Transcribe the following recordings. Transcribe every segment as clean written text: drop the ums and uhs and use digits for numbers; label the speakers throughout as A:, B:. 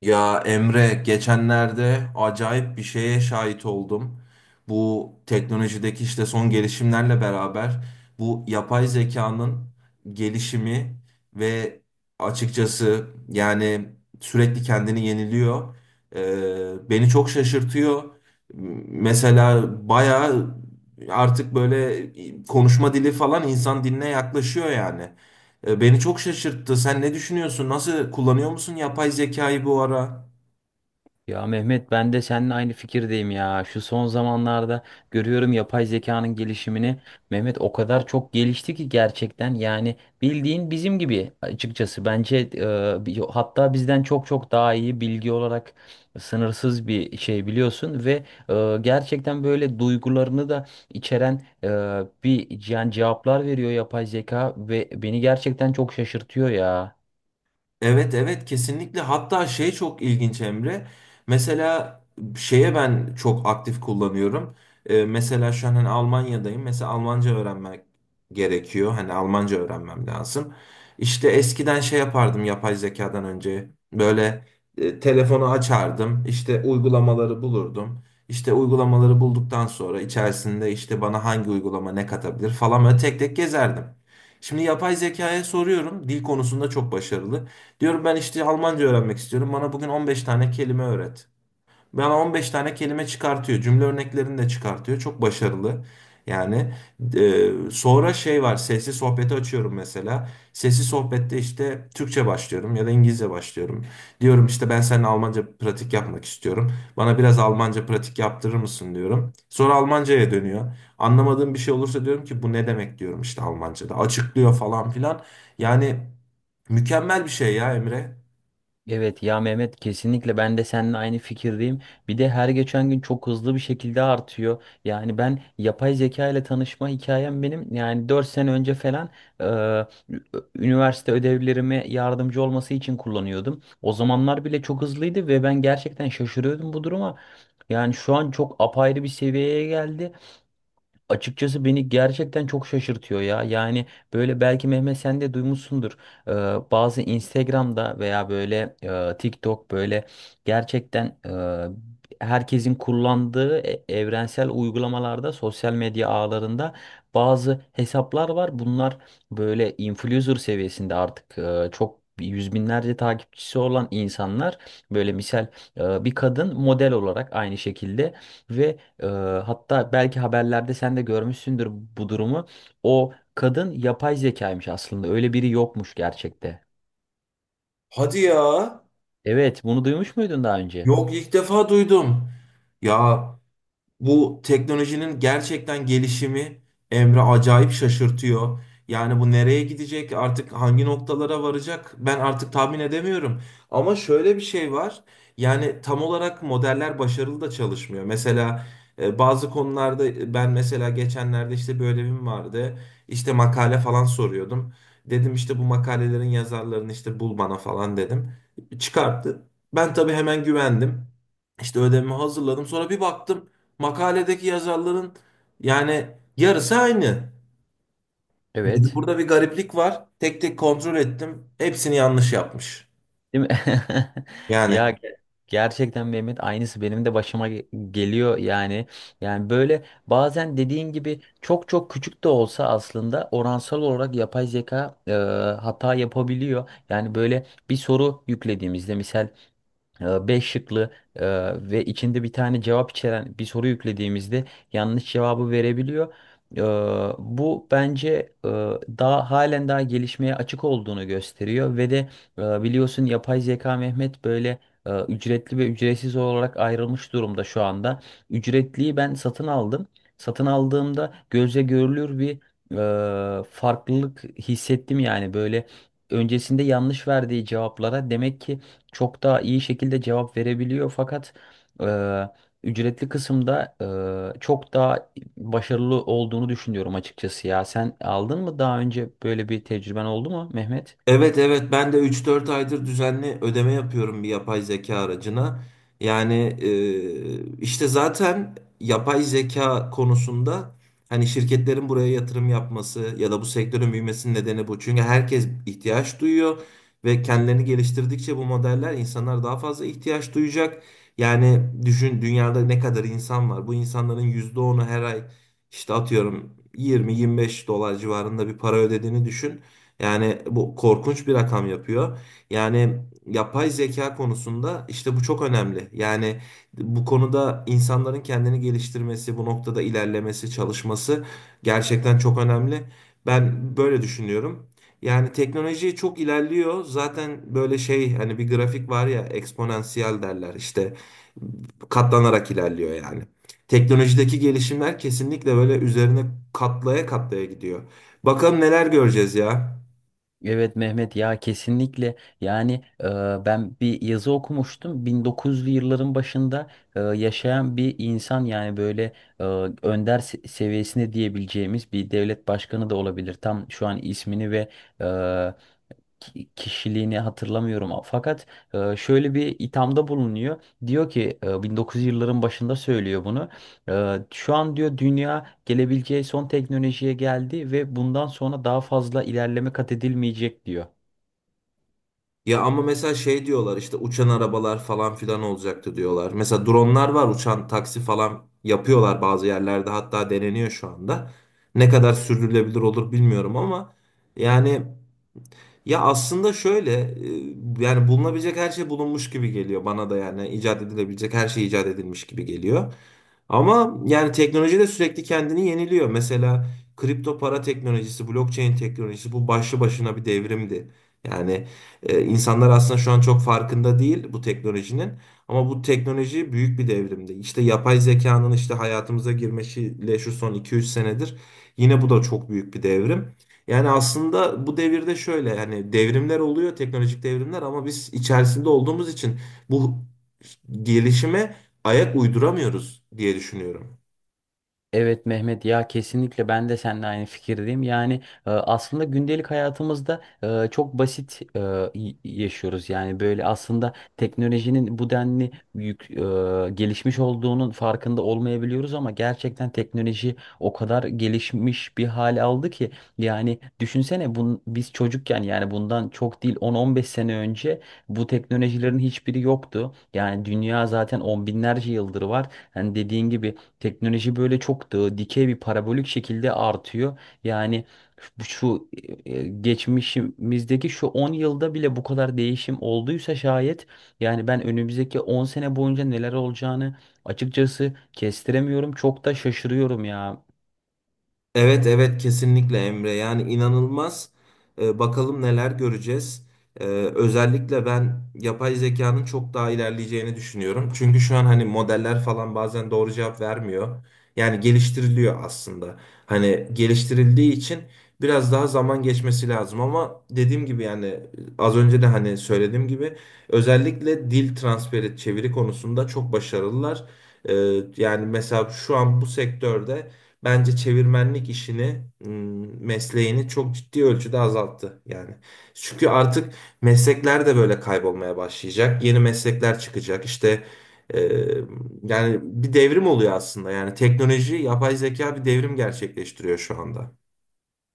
A: Ya Emre, geçenlerde acayip bir şeye şahit oldum. Bu teknolojideki işte son gelişimlerle beraber bu yapay zekanın gelişimi ve açıkçası yani sürekli kendini yeniliyor. Beni çok şaşırtıyor. Mesela bayağı artık böyle konuşma dili falan insan diline yaklaşıyor yani. Beni çok şaşırttı. Sen ne düşünüyorsun? Nasıl kullanıyor musun yapay zekayı bu ara?
B: Ya Mehmet ben de seninle aynı fikirdeyim ya. Şu son zamanlarda görüyorum yapay zekanın gelişimini. Mehmet o kadar çok gelişti ki gerçekten yani bildiğin bizim gibi açıkçası. Bence hatta bizden çok çok daha iyi bilgi olarak sınırsız bir şey biliyorsun ve gerçekten böyle duygularını da içeren bir yani cevaplar veriyor yapay zeka ve beni gerçekten çok şaşırtıyor ya.
A: Evet, evet, kesinlikle. Hatta şey çok ilginç Emre, mesela şeye ben çok aktif kullanıyorum. Mesela şu an hani Almanya'dayım, mesela Almanca öğrenmek gerekiyor, hani Almanca öğrenmem lazım. İşte eskiden şey yapardım yapay zekadan önce, böyle, telefonu açardım, İşte uygulamaları bulurdum. İşte uygulamaları bulduktan sonra içerisinde işte bana hangi uygulama ne katabilir falan böyle tek tek gezerdim. Şimdi yapay zekaya soruyorum, dil konusunda çok başarılı. Diyorum ben işte Almanca öğrenmek istiyorum. Bana bugün 15 tane kelime öğret. Bana 15 tane kelime çıkartıyor. Cümle örneklerini de çıkartıyor. Çok başarılı. Yani sonra şey var. Sesli sohbeti açıyorum mesela. Sesli sohbette işte Türkçe başlıyorum ya da İngilizce başlıyorum. Diyorum işte ben seninle Almanca pratik yapmak istiyorum. Bana biraz Almanca pratik yaptırır mısın diyorum. Sonra Almanca'ya dönüyor. Anlamadığım bir şey olursa diyorum ki bu ne demek diyorum işte Almanca'da. Açıklıyor falan filan. Yani mükemmel bir şey ya Emre.
B: Evet ya Mehmet kesinlikle ben de seninle aynı fikirdeyim. Bir de her geçen gün çok hızlı bir şekilde artıyor. Yani ben yapay zeka ile tanışma hikayem benim yani 4 sene önce falan e, ü- üniversite ödevlerime yardımcı olması için kullanıyordum. O zamanlar bile çok hızlıydı ve ben gerçekten şaşırıyordum bu duruma. Yani şu an çok apayrı bir seviyeye geldi. Açıkçası beni gerçekten çok şaşırtıyor ya. Yani böyle belki Mehmet sen de duymuşsundur. Ee, bazı Instagram'da veya böyle TikTok böyle gerçekten herkesin kullandığı evrensel uygulamalarda, sosyal medya ağlarında bazı hesaplar var. Bunlar böyle influencer seviyesinde artık çok yüz binlerce takipçisi olan insanlar, böyle misal bir kadın model olarak aynı şekilde, ve ee, hatta belki haberlerde sen de görmüşsündür bu durumu. O kadın yapay zekaymış aslında. Öyle biri yokmuş gerçekte.
A: Hadi ya.
B: Evet, bunu duymuş muydun daha önce?
A: Yok, ilk defa duydum. Ya bu teknolojinin gerçekten gelişimi Emre acayip şaşırtıyor. Yani bu nereye gidecek, artık hangi noktalara varacak ben artık tahmin edemiyorum. Ama şöyle bir şey var. Yani tam olarak modeller başarılı da çalışmıyor. Mesela bazı konularda ben mesela geçenlerde işte bir ödevim vardı. İşte makale falan soruyordum. Dedim işte bu makalelerin yazarlarını işte bul bana falan dedim. Çıkarttı. Ben tabii hemen güvendim. İşte ödevimi hazırladım. Sonra bir baktım. Makaledeki yazarların yani yarısı aynı. Dedi,
B: Evet.
A: burada bir gariplik var. Tek tek kontrol ettim. Hepsini yanlış yapmış.
B: Değil mi?
A: Yani
B: Ya gerçekten Mehmet aynısı benim de başıma geliyor yani. Yani böyle bazen dediğin gibi çok çok küçük de olsa aslında oransal olarak yapay zeka hata yapabiliyor. Yani böyle bir soru yüklediğimizde misal beş şıklı ve içinde bir tane cevap içeren bir soru yüklediğimizde yanlış cevabı verebiliyor. E, Bu bence e, daha halen daha gelişmeye açık olduğunu gösteriyor ve de biliyorsun yapay zeka Mehmet böyle ücretli ve ücretsiz olarak ayrılmış durumda şu anda. Ücretliyi ben satın aldım. Satın aldığımda gözle görülür bir farklılık hissettim. Yani böyle öncesinde yanlış verdiği cevaplara demek ki çok daha iyi şekilde cevap verebiliyor, fakat eee, ücretli kısımda çok daha başarılı olduğunu düşünüyorum açıkçası ya. Sen aldın mı daha önce, böyle bir tecrüben oldu mu Mehmet?
A: evet, evet, ben de üç dört aydır düzenli ödeme yapıyorum bir yapay zeka aracına. Yani işte zaten yapay zeka konusunda hani şirketlerin buraya yatırım yapması ya da bu sektörün büyümesinin nedeni bu. Çünkü herkes ihtiyaç duyuyor ve kendilerini geliştirdikçe bu modeller insanlar daha fazla ihtiyaç duyacak. Yani düşün dünyada ne kadar insan var. Bu insanların %10'u her ay işte atıyorum 20 25 dolar civarında bir para ödediğini düşün. Yani bu korkunç bir rakam yapıyor. Yani yapay zeka konusunda işte bu çok önemli. Yani bu konuda insanların kendini geliştirmesi, bu noktada ilerlemesi, çalışması gerçekten çok önemli. Ben böyle düşünüyorum. Yani teknoloji çok ilerliyor. Zaten böyle şey hani bir grafik var ya, eksponansiyel derler işte, katlanarak ilerliyor yani. Teknolojideki gelişimler kesinlikle böyle üzerine katlaya katlaya gidiyor. Bakalım neler göreceğiz ya.
B: Evet Mehmet ya kesinlikle. Yani ben bir yazı okumuştum. 1900'lü yılların başında yaşayan bir insan, yani böyle eee, önder seviyesinde diyebileceğimiz bir devlet başkanı da olabilir, tam şu an ismini ve kişiliğini hatırlamıyorum. Fakat şöyle bir ithamda bulunuyor. Diyor ki 1900 yılların başında söylüyor bunu. Şu an diyor dünya gelebileceği son teknolojiye geldi ve bundan sonra daha fazla ilerleme kat edilmeyecek diyor.
A: Ya ama mesela şey diyorlar işte uçan arabalar falan filan olacaktı diyorlar. Mesela dronlar var, uçan taksi falan yapıyorlar bazı yerlerde, hatta deneniyor şu anda. Ne kadar sürdürülebilir olur bilmiyorum ama yani ya aslında şöyle yani bulunabilecek her şey bulunmuş gibi geliyor bana da, yani icat edilebilecek her şey icat edilmiş gibi geliyor. Ama yani teknoloji de sürekli kendini yeniliyor. Mesela kripto para teknolojisi, blockchain teknolojisi bu başlı başına bir devrimdi. Yani insanlar aslında şu an çok farkında değil bu teknolojinin. Ama bu teknoloji büyük bir devrimdi. İşte yapay zekanın işte hayatımıza girmesiyle şu son iki üç senedir yine bu da çok büyük bir devrim. Yani aslında bu devirde şöyle yani devrimler oluyor, teknolojik devrimler ama biz içerisinde olduğumuz için bu gelişime ayak uyduramıyoruz diye düşünüyorum.
B: Evet Mehmet ya kesinlikle ben de seninle aynı fikirdeyim. Yani aslında gündelik hayatımızda çok basit yaşıyoruz. Yani böyle aslında teknolojinin bu denli büyük gelişmiş olduğunun farkında olmayabiliyoruz, ama gerçekten teknoloji o kadar gelişmiş bir hale aldı ki, yani düşünsene, biz çocukken, yani bundan çok değil 10-15 sene önce bu teknolojilerin hiçbiri yoktu. Yani dünya zaten on binlerce yıldır var. Hani dediğin gibi, teknoloji böyle çok da dikey bir parabolik şekilde artıyor. Yani şu şu, geçmişimizdeki şu 10 yılda bile bu kadar değişim olduysa şayet, yani ben önümüzdeki 10 sene boyunca neler olacağını açıkçası kestiremiyorum. Çok da şaşırıyorum ya.
A: Evet, evet, kesinlikle Emre, yani inanılmaz. Bakalım neler göreceğiz. Ee, Özellikle ben yapay zekanın çok daha ilerleyeceğini düşünüyorum. Çünkü şu an hani modeller falan bazen doğru cevap vermiyor. Yani geliştiriliyor aslında. Hani geliştirildiği için biraz daha zaman geçmesi lazım ama dediğim gibi yani az önce de hani söylediğim gibi özellikle dil transferi çeviri konusunda çok başarılılar. Ee, Yani mesela şu an bu sektörde bence çevirmenlik işini, mesleğini çok ciddi ölçüde azalttı yani. Çünkü artık meslekler de böyle kaybolmaya başlayacak. Yeni meslekler çıkacak. İşte e, yani bir devrim oluyor aslında. Yani teknoloji, yapay zeka bir devrim gerçekleştiriyor şu anda.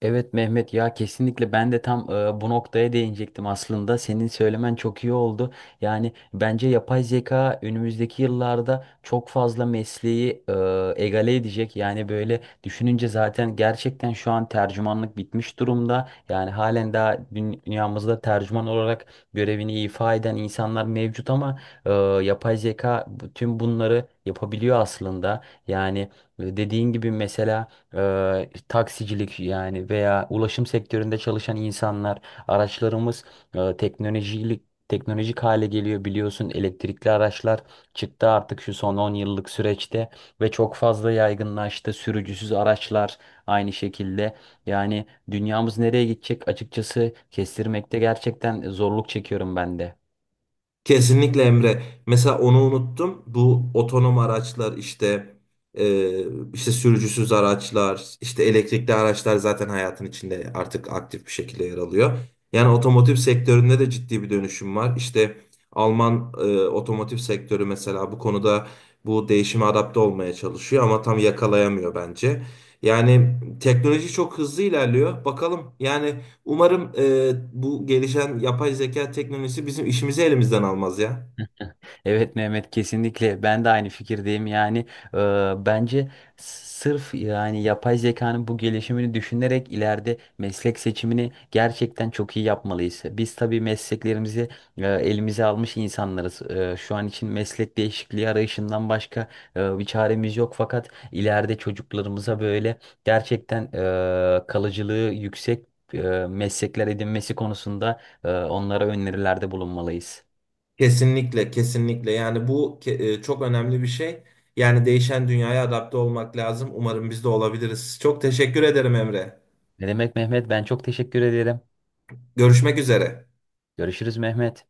B: Evet Mehmet ya kesinlikle, ben de tam bu noktaya değinecektim aslında. Senin söylemen çok iyi oldu. Yani bence yapay zeka önümüzdeki yıllarda çok fazla mesleği egale edecek. Yani böyle düşününce zaten gerçekten şu an tercümanlık bitmiş durumda. Yani halen daha dünyamızda tercüman olarak görevini ifa eden insanlar mevcut, ama e, yapay zeka tüm bunları yapabiliyor aslında. Yani dediğin gibi mesela taksicilik, yani veya ulaşım sektöründe çalışan insanlar, araçlarımız teknolojilik teknolojik hale geliyor, biliyorsun elektrikli araçlar çıktı artık şu son 10 yıllık süreçte ve çok fazla yaygınlaştı, sürücüsüz araçlar aynı şekilde. Yani dünyamız nereye gidecek açıkçası kestirmekte gerçekten zorluk çekiyorum ben de.
A: Kesinlikle Emre. Mesela onu unuttum. Bu otonom araçlar işte, e, işte sürücüsüz araçlar, işte elektrikli araçlar zaten hayatın içinde artık aktif bir şekilde yer alıyor. Yani otomotiv sektöründe de ciddi bir dönüşüm var. İşte Alman otomotiv sektörü mesela bu konuda bu değişime adapte olmaya çalışıyor ama tam yakalayamıyor bence. Yani teknoloji çok hızlı ilerliyor. Bakalım yani umarım bu gelişen yapay zeka teknolojisi bizim işimizi elimizden almaz ya.
B: Evet Mehmet, kesinlikle ben de aynı fikirdeyim. Yani e, bence sırf yani yapay zekanın bu gelişimini düşünerek ileride meslek seçimini gerçekten çok iyi yapmalıyız. Biz tabii mesleklerimizi elimize almış insanlarız. Şu an için meslek değişikliği arayışından başka bir çaremiz yok, fakat ileride çocuklarımıza böyle gerçekten kalıcılığı yüksek e, meslekler edinmesi konusunda onlara önerilerde bulunmalıyız.
A: Kesinlikle, kesinlikle. Yani bu çok önemli bir şey. Yani değişen dünyaya adapte olmak lazım. Umarım biz de olabiliriz. Çok teşekkür ederim Emre.
B: Ne demek Mehmet? Ben çok teşekkür ederim.
A: Görüşmek üzere.
B: Görüşürüz Mehmet.